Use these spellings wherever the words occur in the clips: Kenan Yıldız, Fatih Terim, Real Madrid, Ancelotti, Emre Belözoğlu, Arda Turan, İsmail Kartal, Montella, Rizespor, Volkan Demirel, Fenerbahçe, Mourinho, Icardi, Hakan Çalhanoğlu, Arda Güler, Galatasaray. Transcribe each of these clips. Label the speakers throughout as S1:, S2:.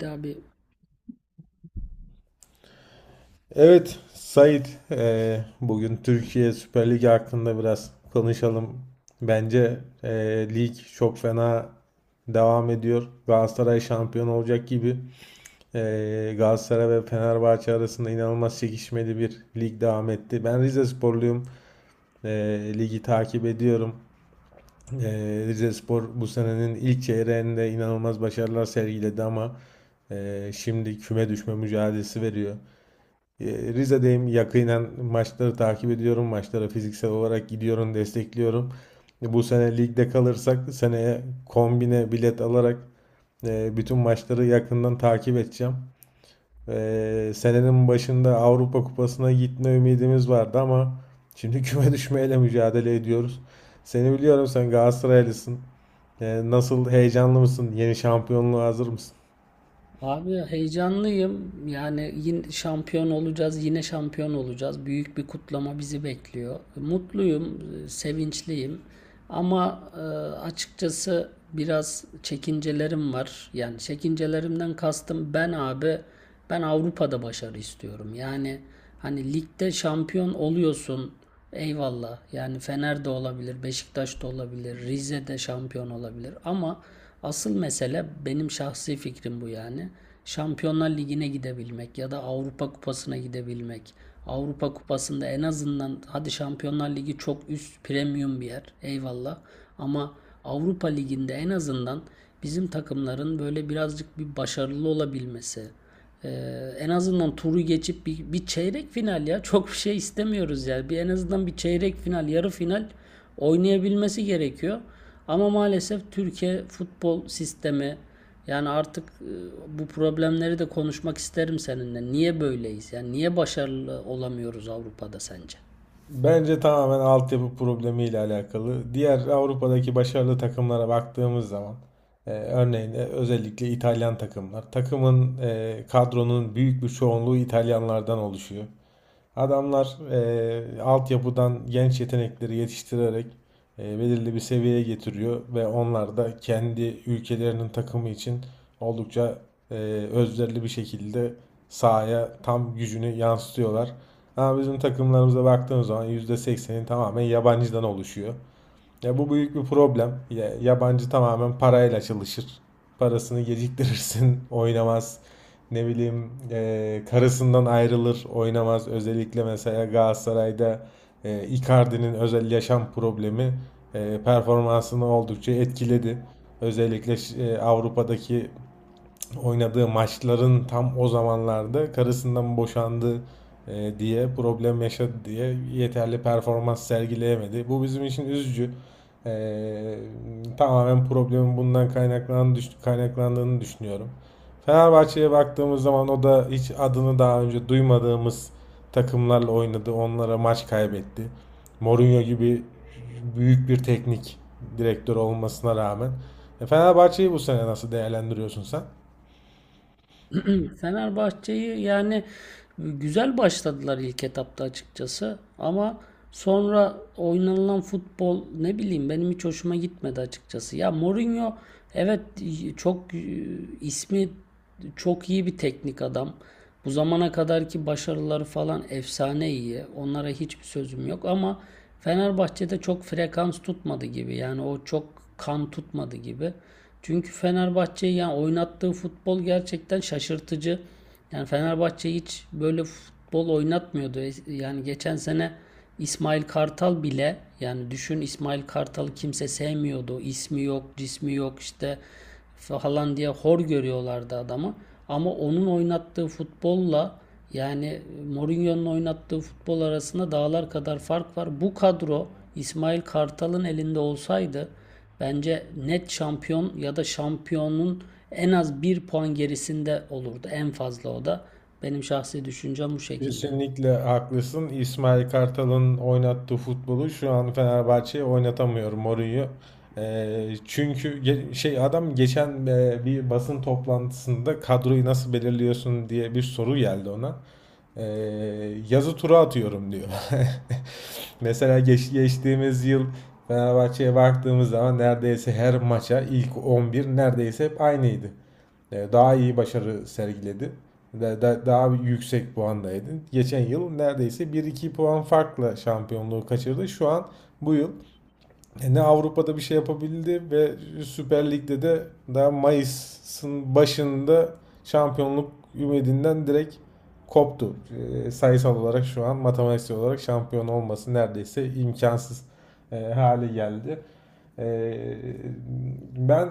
S1: Daha bir
S2: Evet, Sait, bugün Türkiye Süper Ligi hakkında biraz konuşalım. Bence lig çok fena devam ediyor. Galatasaray şampiyon olacak gibi. Galatasaray ve Fenerbahçe arasında inanılmaz çekişmeli bir lig devam etti. Ben Rizesporluyum. Ligi takip ediyorum. Rizespor bu senenin ilk çeyreğinde inanılmaz başarılar sergiledi ama şimdi küme düşme mücadelesi veriyor. E, Rize'deyim. Yakinen maçları takip ediyorum. Maçlara fiziksel olarak gidiyorum, destekliyorum. Bu sene ligde kalırsak seneye kombine bilet alarak bütün maçları yakından takip edeceğim. Senenin başında Avrupa Kupası'na gitme ümidimiz vardı ama şimdi küme düşmeyle mücadele ediyoruz. Seni biliyorum, sen Galatasaraylısın. Nasıl, heyecanlı mısın? Yeni şampiyonluğa hazır mısın?
S1: Abi heyecanlıyım. Yani yine şampiyon olacağız, yine şampiyon olacağız. Büyük bir kutlama bizi bekliyor. Mutluyum, sevinçliyim. Ama açıkçası biraz çekincelerim var. Yani çekincelerimden kastım ben abi, ben Avrupa'da başarı istiyorum. Yani hani ligde şampiyon oluyorsun. Eyvallah. Yani Fener de olabilir, Beşiktaş da olabilir, Rize de şampiyon olabilir. Ama asıl mesele benim şahsi fikrim bu yani. Şampiyonlar Ligi'ne gidebilmek ya da Avrupa Kupası'na gidebilmek. Avrupa Kupası'nda en azından hadi Şampiyonlar Ligi çok üst premium bir yer. Eyvallah. Ama Avrupa Ligi'nde en azından bizim takımların böyle birazcık bir başarılı olabilmesi, en azından turu geçip bir çeyrek final ya. Çok bir şey istemiyoruz yani. Bir en azından bir çeyrek final, yarı final oynayabilmesi gerekiyor. Ama maalesef Türkiye futbol sistemi yani artık bu problemleri de konuşmak isterim seninle. Niye böyleyiz? Yani niye başarılı olamıyoruz Avrupa'da sence?
S2: Bence tamamen altyapı problemiyle alakalı. Diğer Avrupa'daki başarılı takımlara baktığımız zaman örneğin özellikle İtalyan takımlar. Takımın kadronun büyük bir çoğunluğu İtalyanlardan oluşuyor. Adamlar altyapıdan genç yetenekleri yetiştirerek belirli bir seviyeye getiriyor ve onlar da kendi ülkelerinin takımı için oldukça eee özverili bir şekilde sahaya tam gücünü yansıtıyorlar. Ama bizim takımlarımıza baktığımız zaman yüzde seksenin tamamen yabancıdan oluşuyor. Ya bu büyük bir problem. Yabancı tamamen parayla çalışır. Parasını geciktirirsin, oynamaz. Ne bileyim, karısından ayrılır, oynamaz. Özellikle mesela Galatasaray'da Icardi'nin özel yaşam problemi performansını oldukça etkiledi. Özellikle Avrupa'daki oynadığı maçların tam o zamanlarda karısından boşandı diye problem yaşadı diye yeterli performans sergileyemedi. Bu bizim için üzücü. E, tamamen problemin bundan kaynaklandığını düşünüyorum. Fenerbahçe'ye baktığımız zaman o da hiç adını daha önce duymadığımız takımlarla oynadı. Onlara maç kaybetti. Mourinho gibi büyük bir teknik direktör olmasına rağmen. Fenerbahçe'yi bu sene nasıl değerlendiriyorsun sen?
S1: Fenerbahçe'yi yani güzel başladılar ilk etapta açıkçası ama sonra oynanılan futbol ne bileyim benim hiç hoşuma gitmedi açıkçası. Ya Mourinho evet çok ismi çok iyi bir teknik adam. Bu zamana kadarki başarıları falan efsane iyi. Onlara hiçbir sözüm yok ama Fenerbahçe'de çok frekans tutmadı gibi. Yani o çok kan tutmadı gibi. Çünkü Fenerbahçe'yi yani oynattığı futbol gerçekten şaşırtıcı. Yani Fenerbahçe hiç böyle futbol oynatmıyordu. Yani geçen sene İsmail Kartal bile yani düşün İsmail Kartal'ı kimse sevmiyordu. İsmi yok, cismi yok işte falan diye hor görüyorlardı adamı. Ama onun oynattığı futbolla yani Mourinho'nun oynattığı futbol arasında dağlar kadar fark var. Bu kadro İsmail Kartal'ın elinde olsaydı bence net şampiyon ya da şampiyonun en az bir puan gerisinde olurdu. En fazla o da. Benim şahsi düşüncem bu şekilde.
S2: Kesinlikle haklısın. İsmail Kartal'ın oynattığı futbolu şu an Fenerbahçe'ye oynatamıyor Mourinho. Çünkü adam geçen bir basın toplantısında kadroyu nasıl belirliyorsun diye bir soru geldi ona. Eee, yazı tura atıyorum diyor. Mesela geçtiğimiz yıl Fenerbahçe'ye baktığımız zaman neredeyse her maça ilk 11 neredeyse hep aynıydı. Daha iyi başarı sergiledi, daha yüksek puandaydı. Geçen yıl neredeyse bir iki puan farkla şampiyonluğu kaçırdı. Şu an, bu yıl, ne Avrupa'da bir şey yapabildi ve Süper Lig'de de daha Mayıs'ın başında şampiyonluk ümidinden direkt koptu. Sayısal olarak şu an matematiksel olarak şampiyon olması neredeyse imkansız hale geldi. Ee, ben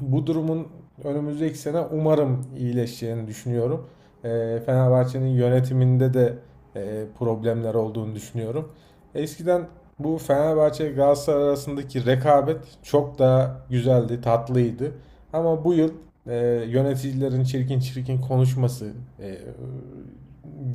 S2: bu durumun önümüzdeki sene umarım iyileşeceğini düşünüyorum. Fenerbahçe'nin yönetiminde de problemler olduğunu düşünüyorum. Eskiden bu Fenerbahçe Galatasaray arasındaki rekabet çok daha güzeldi, tatlıydı. Ama bu yıl e, yöneticilerin çirkin çirkin konuşması e,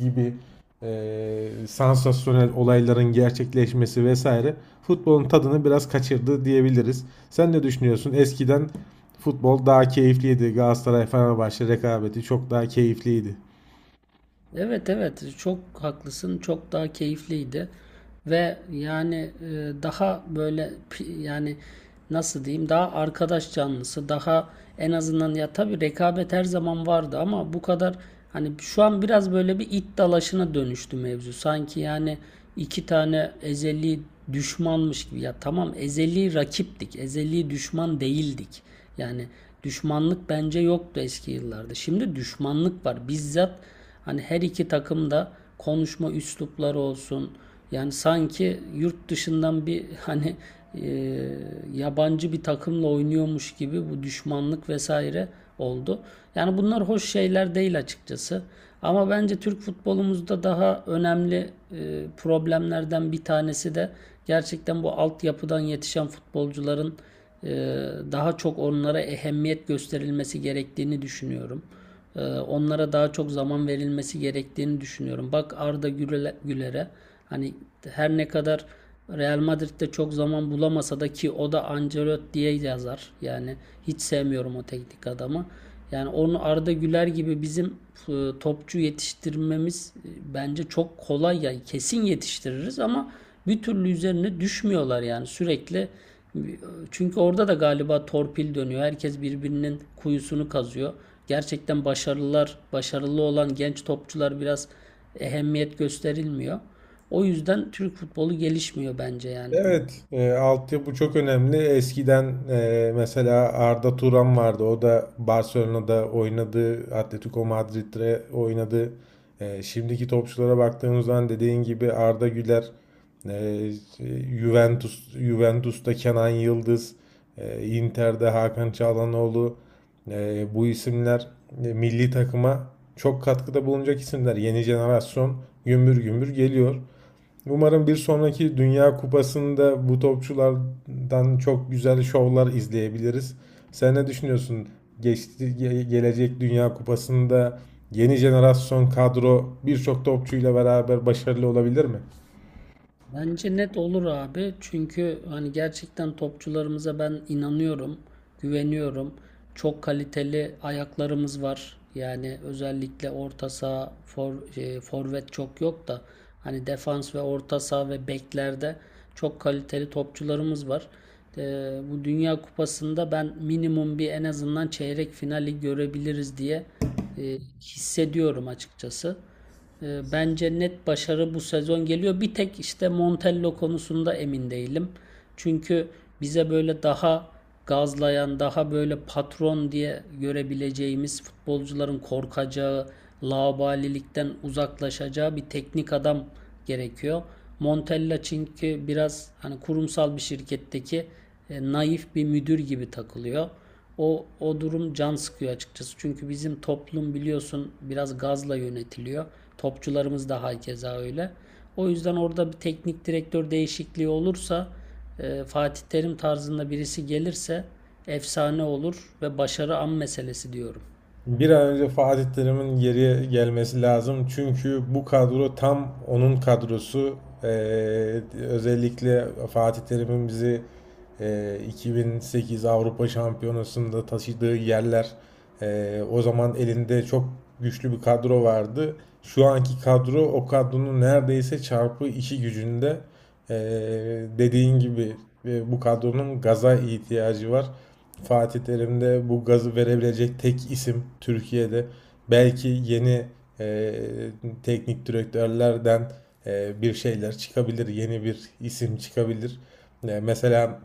S2: gibi sansasyonel olayların gerçekleşmesi vesaire futbolun tadını biraz kaçırdı diyebiliriz. Sen ne düşünüyorsun? Eskiden futbol daha keyifliydi. Galatasaray Fenerbahçe rekabeti çok daha keyifliydi.
S1: Evet evet çok haklısın çok daha keyifliydi ve yani daha böyle yani nasıl diyeyim daha arkadaş canlısı daha en azından ya tabii rekabet her zaman vardı ama bu kadar hani şu an biraz böyle bir it dalaşına dönüştü mevzu sanki yani iki tane ezeli düşmanmış gibi ya tamam ezeli rakiptik ezeli düşman değildik yani düşmanlık bence yoktu eski yıllarda şimdi düşmanlık var bizzat. Hani her iki takım da konuşma üslupları olsun. Yani sanki yurt dışından bir hani e, yabancı bir takımla oynuyormuş gibi bu düşmanlık vesaire oldu. Yani bunlar hoş şeyler değil açıkçası. Ama bence Türk futbolumuzda daha önemli problemlerden bir tanesi de gerçekten bu altyapıdan yetişen futbolcuların e, daha çok onlara ehemmiyet gösterilmesi gerektiğini düşünüyorum. Onlara daha çok zaman verilmesi gerektiğini düşünüyorum. Bak Arda Güler'e, hani her ne kadar Real Madrid'de çok zaman bulamasa da ki o da Ancelotti'ye yazar. Yani hiç sevmiyorum o teknik adamı. Yani onu Arda Güler gibi bizim topçu yetiştirmemiz bence çok kolay yani kesin yetiştiririz ama bir türlü üzerine düşmüyorlar yani sürekli çünkü orada da galiba torpil dönüyor. Herkes birbirinin kuyusunu kazıyor gerçekten başarılılar, başarılı olan genç topçular biraz ehemmiyet gösterilmiyor. O yüzden Türk futbolu gelişmiyor bence yani.
S2: Evet, altyapı çok önemli. Eskiden mesela Arda Turan vardı. O da Barcelona'da oynadı, Atletico Madrid'de oynadı. Şimdiki topçulara baktığımız zaman dediğin gibi Arda Güler, e, Juventus'ta Kenan Yıldız, Inter'de Hakan Çalhanoğlu. Bu isimler milli takıma çok katkıda bulunacak isimler. Yeni jenerasyon gümbür gümbür geliyor. Umarım bir sonraki Dünya Kupası'nda bu topçulardan çok güzel şovlar izleyebiliriz. Sen ne düşünüyorsun? Geçti, gelecek Dünya Kupası'nda yeni jenerasyon kadro birçok topçuyla beraber başarılı olabilir mi?
S1: Bence net olur abi. Çünkü hani gerçekten topçularımıza ben inanıyorum, güveniyorum. Çok kaliteli ayaklarımız var. Yani özellikle orta saha, forvet çok yok da hani defans ve orta saha ve beklerde çok kaliteli topçularımız var. E, Bu Dünya Kupası'nda ben minimum bir en azından çeyrek finali görebiliriz diye hissediyorum açıkçası. Bence net başarı bu sezon geliyor. Bir tek işte Montella konusunda emin değilim. Çünkü bize böyle daha gazlayan, daha böyle patron diye görebileceğimiz futbolcuların korkacağı, laubalilikten uzaklaşacağı bir teknik adam gerekiyor. Montella çünkü biraz hani kurumsal bir şirketteki naif bir müdür gibi takılıyor. O durum can sıkıyor açıkçası. Çünkü bizim toplum biliyorsun biraz gazla yönetiliyor. Topçularımız da hakeza öyle. O yüzden orada bir teknik direktör değişikliği olursa Fatih Terim tarzında birisi gelirse efsane olur ve başarı an meselesi diyorum.
S2: Bir an önce Fatih Terim'in geriye gelmesi lazım. Çünkü bu kadro tam onun kadrosu. Ee, özellikle Fatih Terim'in bizi 2008 Avrupa Şampiyonası'nda taşıdığı yerler. O zaman elinde çok güçlü bir kadro vardı. Şu anki kadro o kadronun neredeyse çarpı iki gücünde. Ee, dediğin gibi bu kadronun gaza ihtiyacı var. Fatih Terim'de bu gazı verebilecek tek isim Türkiye'de. Belki yeni e, teknik direktörlerden bir şeyler çıkabilir, yeni bir isim çıkabilir. E, mesela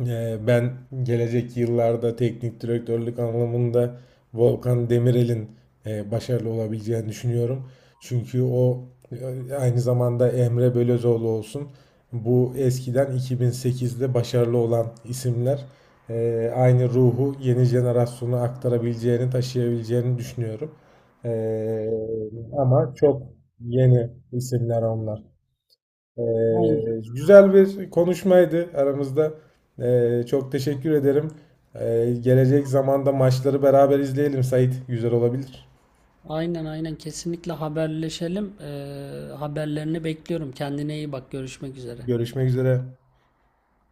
S2: Ben gelecek yıllarda teknik direktörlük anlamında Volkan Demirel'in başarılı olabileceğini düşünüyorum. Çünkü o aynı zamanda Emre Belözoğlu olsun. Bu eskiden 2008'de başarılı olan isimler aynı ruhu yeni jenerasyona taşıyabileceğini düşünüyorum. E, ama çok yeni isimler onlar.
S1: Aynen.
S2: Ee, güzel bir konuşmaydı aramızda. Çok teşekkür ederim. Gelecek zamanda maçları beraber izleyelim Sait. Güzel olabilir.
S1: Aynen, aynen, kesinlikle haberleşelim. Haberlerini bekliyorum. Kendine iyi bak. Görüşmek üzere.
S2: Görüşmek üzere.